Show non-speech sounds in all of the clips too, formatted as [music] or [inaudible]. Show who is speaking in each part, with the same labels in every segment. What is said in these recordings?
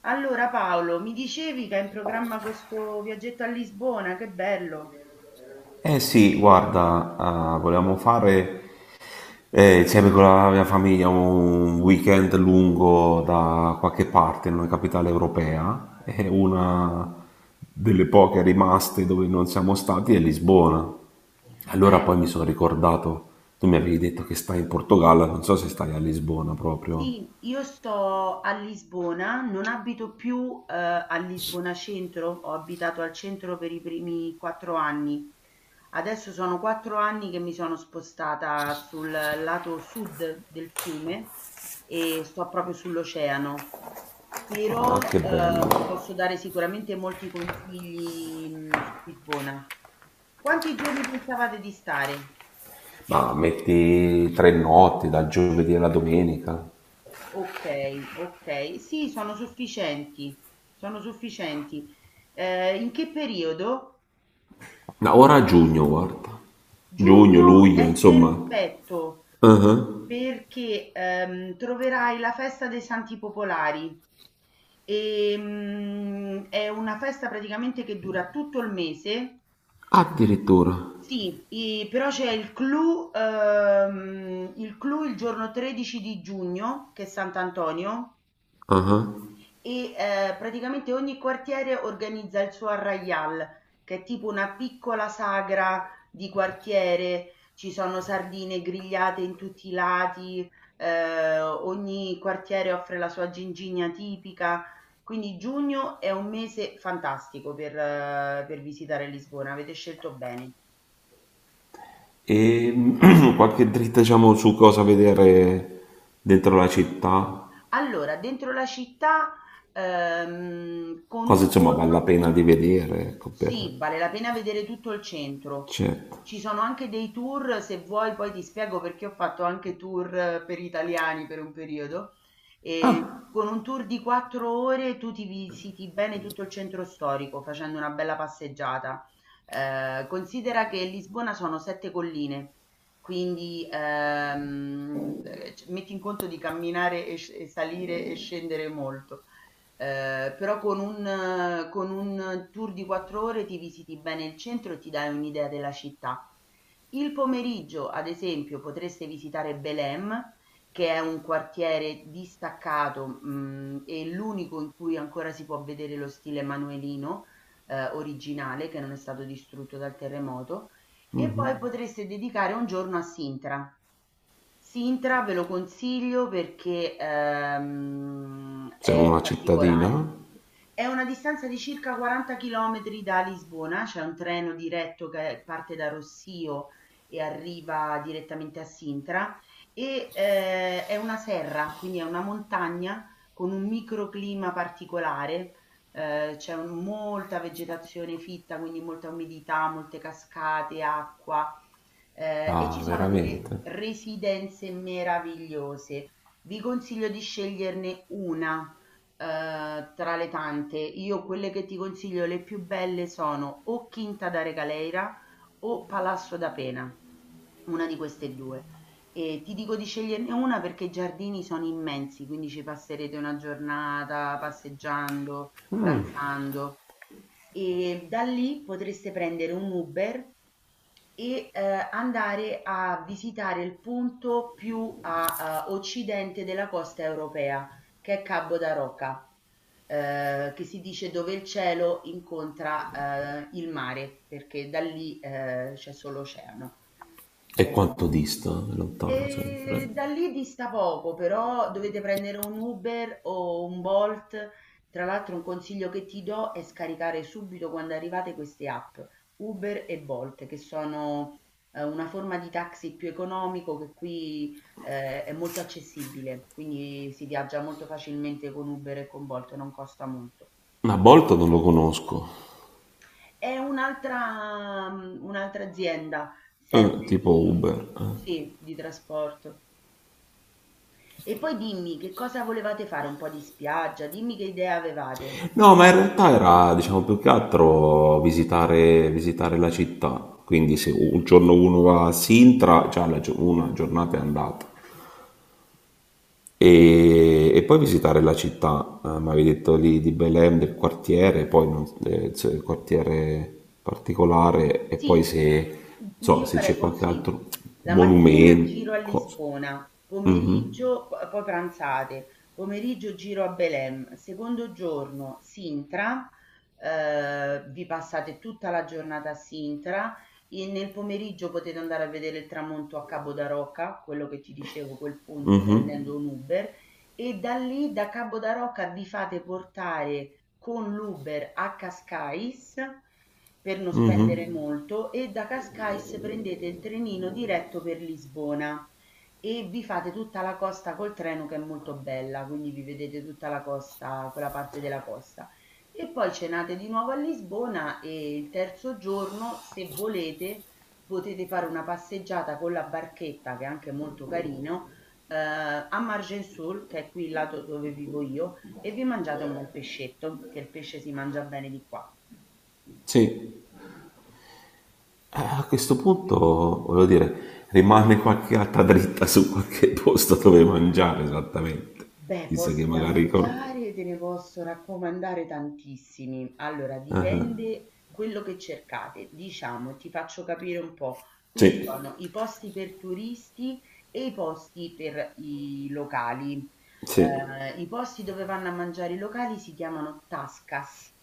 Speaker 1: Allora Paolo, mi dicevi che hai in programma questo viaggetto a Lisbona, che bello!
Speaker 2: Eh sì, guarda, volevamo fare insieme con la mia famiglia un weekend lungo da qualche parte in una capitale europea. E una delle poche rimaste dove non siamo stati è Lisbona. Allora
Speaker 1: Eh.
Speaker 2: poi mi sono ricordato, tu mi avevi detto che stai in Portogallo, non so se stai a Lisbona proprio.
Speaker 1: Sì, io sto a Lisbona, non abito più, a Lisbona centro, ho abitato al centro per i primi 4 anni. Adesso sono 4 anni che mi sono spostata sul lato sud del fiume e sto proprio sull'oceano.
Speaker 2: Ah,
Speaker 1: Però,
Speaker 2: che
Speaker 1: ti
Speaker 2: bello.
Speaker 1: posso dare sicuramente molti consigli, su Lisbona. Quanti giorni pensavate di stare?
Speaker 2: Ma metti 3 notti, dal giovedì alla domenica.
Speaker 1: Okay, okay. Sì, sono sufficienti, sono sufficienti. In che periodo?
Speaker 2: No, ora a giugno, guarda. Giugno,
Speaker 1: Giugno
Speaker 2: luglio,
Speaker 1: è
Speaker 2: insomma.
Speaker 1: perfetto
Speaker 2: Ah.
Speaker 1: perché, troverai la festa dei Santi Popolari. È una festa praticamente che dura tutto il mese.
Speaker 2: Addirittura.
Speaker 1: Sì, i però c'è il clou, il clou il giorno 13 di giugno, che è Sant'Antonio
Speaker 2: Ah.
Speaker 1: e praticamente ogni quartiere organizza il suo arraial, che è tipo una piccola sagra di quartiere, ci sono sardine grigliate in tutti i lati, ogni quartiere offre la sua gingigna tipica, quindi giugno è un mese fantastico per visitare Lisbona, avete scelto bene.
Speaker 2: E [clears throat] qualche dritta, diciamo, su cosa vedere dentro la città,
Speaker 1: Allora, dentro la città, con
Speaker 2: cosa
Speaker 1: un
Speaker 2: insomma vale la
Speaker 1: giorno.
Speaker 2: pena di vedere, ecco, per.
Speaker 1: Sì, vale la pena vedere tutto il centro.
Speaker 2: Certo.
Speaker 1: Ci sono anche dei tour, se vuoi poi ti spiego perché ho fatto anche tour per italiani per un periodo. E
Speaker 2: Ah,
Speaker 1: con un tour di 4 ore tu ti visiti bene tutto il centro storico facendo una bella passeggiata. Considera che Lisbona sono sette colline, quindi metti in conto di camminare e salire e scendere molto. Però con un tour di 4 ore ti visiti bene il centro e ti dai un'idea della città. Il pomeriggio, ad esempio, potreste visitare Belém, che è un quartiere distaccato, e l'unico in cui ancora si può vedere lo stile manuelino, originale, che non è stato distrutto dal terremoto, e poi potreste dedicare un giorno a Sintra. Sintra ve lo consiglio perché,
Speaker 2: c'è
Speaker 1: è
Speaker 2: una
Speaker 1: particolare.
Speaker 2: cittadina?
Speaker 1: È una distanza di circa 40 chilometri da Lisbona, c'è un treno diretto che parte da Rossio e arriva direttamente a Sintra e è una serra, quindi è una montagna con un microclima particolare, c'è molta vegetazione fitta, quindi molta umidità, molte cascate, acqua e
Speaker 2: Ah,
Speaker 1: ci sono delle
Speaker 2: veramente?
Speaker 1: residenze meravigliose. Vi consiglio di sceglierne una tra le tante, io quelle che ti consiglio le più belle sono o Quinta da Regaleira o Palazzo da Pena, una di queste due. E ti dico di sceglierne una perché i giardini sono immensi, quindi ci passerete una giornata passeggiando, pranzando. E da lì potreste prendere un Uber andare a visitare il punto più a occidente della costa europea che è Cabo da Roca, che si dice dove il cielo incontra il mare, perché da lì c'è solo oceano.
Speaker 2: E
Speaker 1: Eh,
Speaker 2: quanto dista? È lontano sempre.
Speaker 1: Da lì dista poco, però dovete prendere un Uber o un Bolt. Tra l'altro un consiglio che ti do è scaricare subito quando arrivate queste app, Uber e Bolt, che sono una forma di taxi più economico che qui è molto accessibile, quindi si viaggia molto facilmente con Uber e con Bolt, non costa molto.
Speaker 2: Ma Bolt non lo conosco.
Speaker 1: È un'altra azienda sempre
Speaker 2: Tipo
Speaker 1: di,
Speaker 2: Uber. Eh.
Speaker 1: sì, di trasporto. E poi dimmi che cosa volevate fare, un po' di spiaggia, dimmi che idea avevate.
Speaker 2: No, ma in realtà era, diciamo, più che altro visitare la città. Quindi se un giorno uno va a Sintra, già la una giornata è andata. E poi visitare la città, mi avevi detto lì di Belém, del quartiere, poi non- se- il quartiere particolare, e poi
Speaker 1: Sì,
Speaker 2: se, non so,
Speaker 1: io
Speaker 2: se
Speaker 1: farei
Speaker 2: c'è qualche
Speaker 1: così.
Speaker 2: altro
Speaker 1: La mattina giro a
Speaker 2: monumento, cosa.
Speaker 1: Lisbona,
Speaker 2: Mhm.
Speaker 1: pomeriggio, poi pranzate, pomeriggio giro a Belém, secondo giorno Sintra, vi passate tutta la giornata a Sintra e nel pomeriggio potete andare a vedere il tramonto a Cabo da Roca, quello che ti dicevo, quel punto prendendo un Uber e da lì, da Cabo da Roca, vi fate portare con l'Uber a Cascais per non spendere molto e da Cascais prendete il trenino diretto per Lisbona e vi fate tutta la costa col treno che è molto bella, quindi vi vedete tutta la costa, quella parte della costa. E poi cenate di nuovo a Lisbona e il terzo giorno, se volete, potete fare una passeggiata con la barchetta, che è anche molto carino, a Margensul, che è qui il lato dove vivo io, e vi mangiate un bel pescetto, che il pesce si mangia bene di qua.
Speaker 2: Sì. A questo punto, voglio dire, rimane qualche altra dritta su qualche posto dove mangiare esattamente.
Speaker 1: Beh,
Speaker 2: Chissà che
Speaker 1: posti da
Speaker 2: magari.
Speaker 1: mangiare te ne posso raccomandare tantissimi. Allora, dipende quello che cercate. Diciamo, ti faccio capire un po'. Qui
Speaker 2: Sì,
Speaker 1: ci sono i posti per turisti e i posti per i locali.
Speaker 2: sì,
Speaker 1: I posti dove vanno a mangiare i locali si chiamano tascas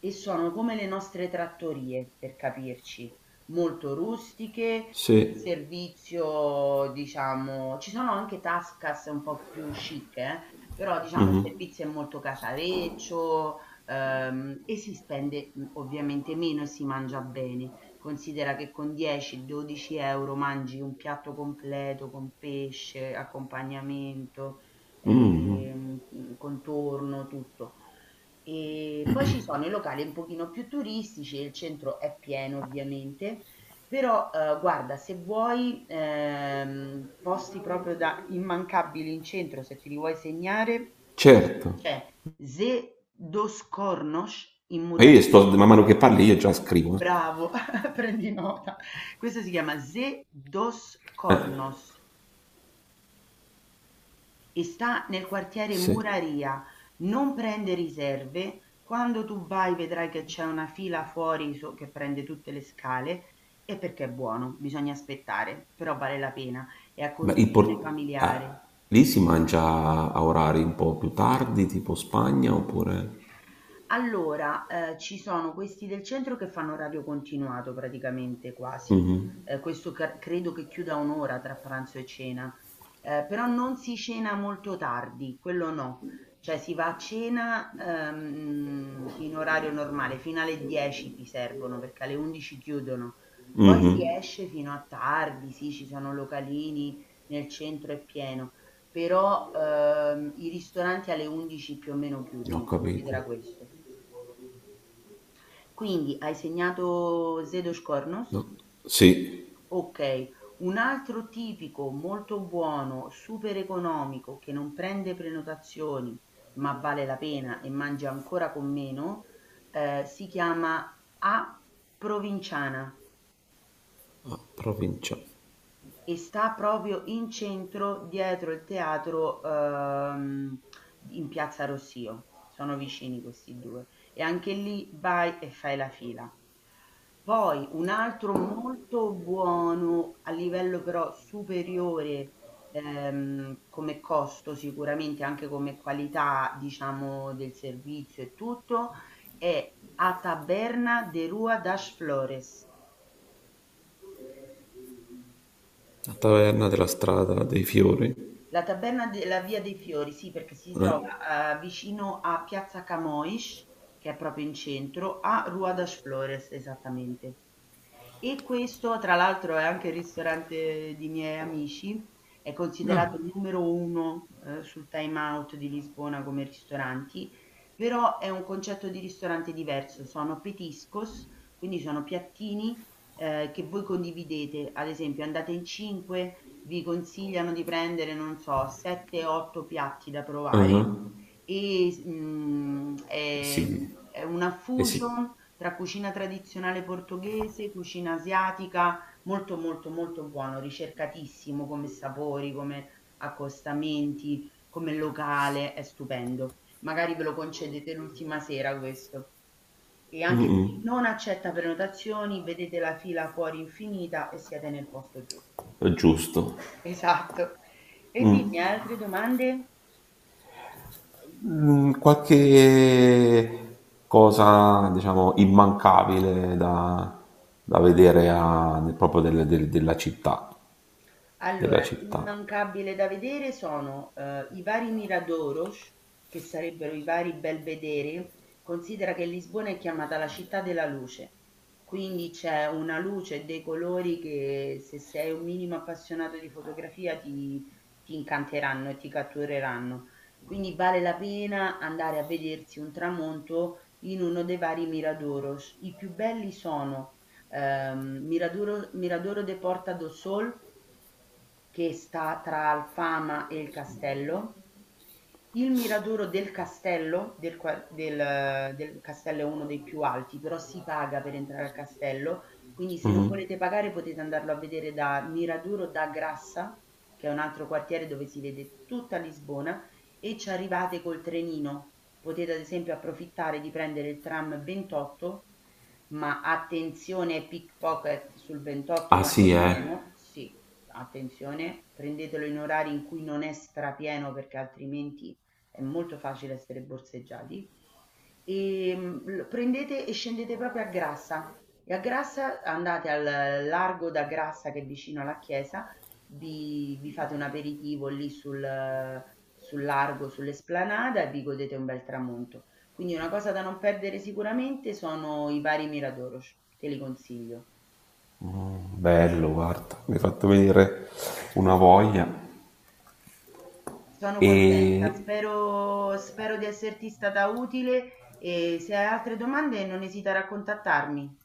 Speaker 1: e sono come le nostre trattorie, per capirci molto rustiche, il
Speaker 2: sì,
Speaker 1: servizio diciamo ci sono anche Tascas un po' più chic, però diciamo il servizio è molto casareccio, e si spende, ovviamente meno e si mangia bene. Considera che con 10, 12 € mangi un piatto completo con pesce, accompagnamento, contorno, tutto. E poi ci sono i locali un pochino più turistici e il centro è pieno ovviamente, però guarda, se vuoi posti proprio da immancabili in centro, se ti li vuoi segnare,
Speaker 2: certo.
Speaker 1: c'è Ze dos Cornos in
Speaker 2: Ma
Speaker 1: Muraria.
Speaker 2: io sto, man mano che parli io già scrivo. Eh.
Speaker 1: Bravo, [laughs] prendi nota. Questo si chiama Ze dos
Speaker 2: Eh,
Speaker 1: Cornos e sta nel quartiere
Speaker 2: sì.
Speaker 1: Muraria, non prende riserve, quando tu vai vedrai che c'è una fila fuori che prende tutte le scale e perché è buono, bisogna aspettare, però vale la pena, è a
Speaker 2: Ma il
Speaker 1: conduzione familiare.
Speaker 2: lì si mangia a orari un po' più tardi, tipo Spagna, oppure.
Speaker 1: Allora, ci sono questi del centro che fanno orario continuato praticamente quasi, questo ca credo che chiuda 1 ora tra pranzo e cena, però non si cena molto tardi, quello no. Cioè si va a cena, in orario normale, fino alle 10 ti servono perché alle 11 chiudono. Poi si esce fino a tardi, sì, ci sono localini, nel centro è pieno, però, i ristoranti alle 11 più o meno
Speaker 2: Non ho
Speaker 1: chiudono,
Speaker 2: capito.
Speaker 1: considera questo. Quindi hai segnato Zedos Cornos?
Speaker 2: No. Sì,
Speaker 1: Ok, un altro tipico molto buono, super economico, che non prende prenotazioni, ma vale la pena e mangia ancora con meno, si chiama A Provinciana.
Speaker 2: a provincia.
Speaker 1: E sta proprio in centro dietro il teatro in Piazza Rossio. Sono vicini questi due e anche lì vai e fai la fila. Poi un altro molto buono a livello però superiore come costo sicuramente anche come qualità diciamo del servizio e tutto è a Taberna de Rua das Flores.
Speaker 2: La taverna della strada dei fiori.
Speaker 1: La taberna della Via dei Fiori, sì, perché si
Speaker 2: Eh.
Speaker 1: trova, vicino a piazza Camões, che è proprio in centro, a Rua das Flores, esattamente. E questo, tra l'altro, è anche il ristorante di miei amici, è considerato
Speaker 2: Ah.
Speaker 1: il numero 1, sul Time Out di Lisbona come ristoranti, però è un concetto di ristorante diverso, sono petiscos, quindi sono piattini, che voi condividete. Ad esempio andate in 5, vi consigliano di prendere, non so, 7, 8 piatti da provare
Speaker 2: Ah.
Speaker 1: e,
Speaker 2: Eh sì,
Speaker 1: è una
Speaker 2: eh sì,
Speaker 1: fusion tra cucina tradizionale portoghese, cucina asiatica, molto molto molto buono, ricercatissimo come sapori, come accostamenti, come locale, è stupendo. Magari ve lo concedete l'ultima sera questo. E anche qui non accetta prenotazioni, vedete la fila fuori infinita e siete nel posto giusto.
Speaker 2: è giusto.
Speaker 1: Esatto. E dimmi, altre domande?
Speaker 2: Qualche cosa, diciamo, immancabile da vedere proprio della città, della
Speaker 1: Allora,
Speaker 2: città.
Speaker 1: immancabile da vedere sono i vari Miradoros, che sarebbero i vari belvedere. Considera che Lisbona è chiamata la città della luce, quindi c'è una luce e dei colori che se sei un minimo appassionato di fotografia ti incanteranno e ti cattureranno. Quindi vale la pena andare a vedersi un tramonto in uno dei vari Miradoros. I più belli sono Miradoro de Porta do Sol che sta tra Alfama e il castello, il Miradoro del castello, del castello è uno dei più alti, però si paga per entrare al castello, quindi se non
Speaker 2: Mhm.
Speaker 1: volete pagare potete andarlo a vedere da Miradoro da Grassa, che è un altro quartiere dove si vede tutta Lisbona, e ci arrivate col trenino. Potete ad esempio approfittare di prendere il tram 28, ma attenzione pickpocket sul 28
Speaker 2: Ah
Speaker 1: quando è
Speaker 2: sì, eh.
Speaker 1: pieno, sì, attenzione, prendetelo in orari in cui non è strapieno perché altrimenti è molto facile essere borseggiati. E prendete e scendete proprio a Grassa. E a Grassa andate al largo da Grassa che è vicino alla chiesa, vi fate un aperitivo lì sul largo, sull'esplanada e vi godete un bel tramonto. Quindi una cosa da non perdere sicuramente sono i vari Miradoros, te li consiglio.
Speaker 2: Bello, guarda, mi hai fatto venire una voglia.
Speaker 1: Sono contenta,
Speaker 2: E
Speaker 1: spero di esserti stata utile e se hai altre domande non esitare a contattarmi.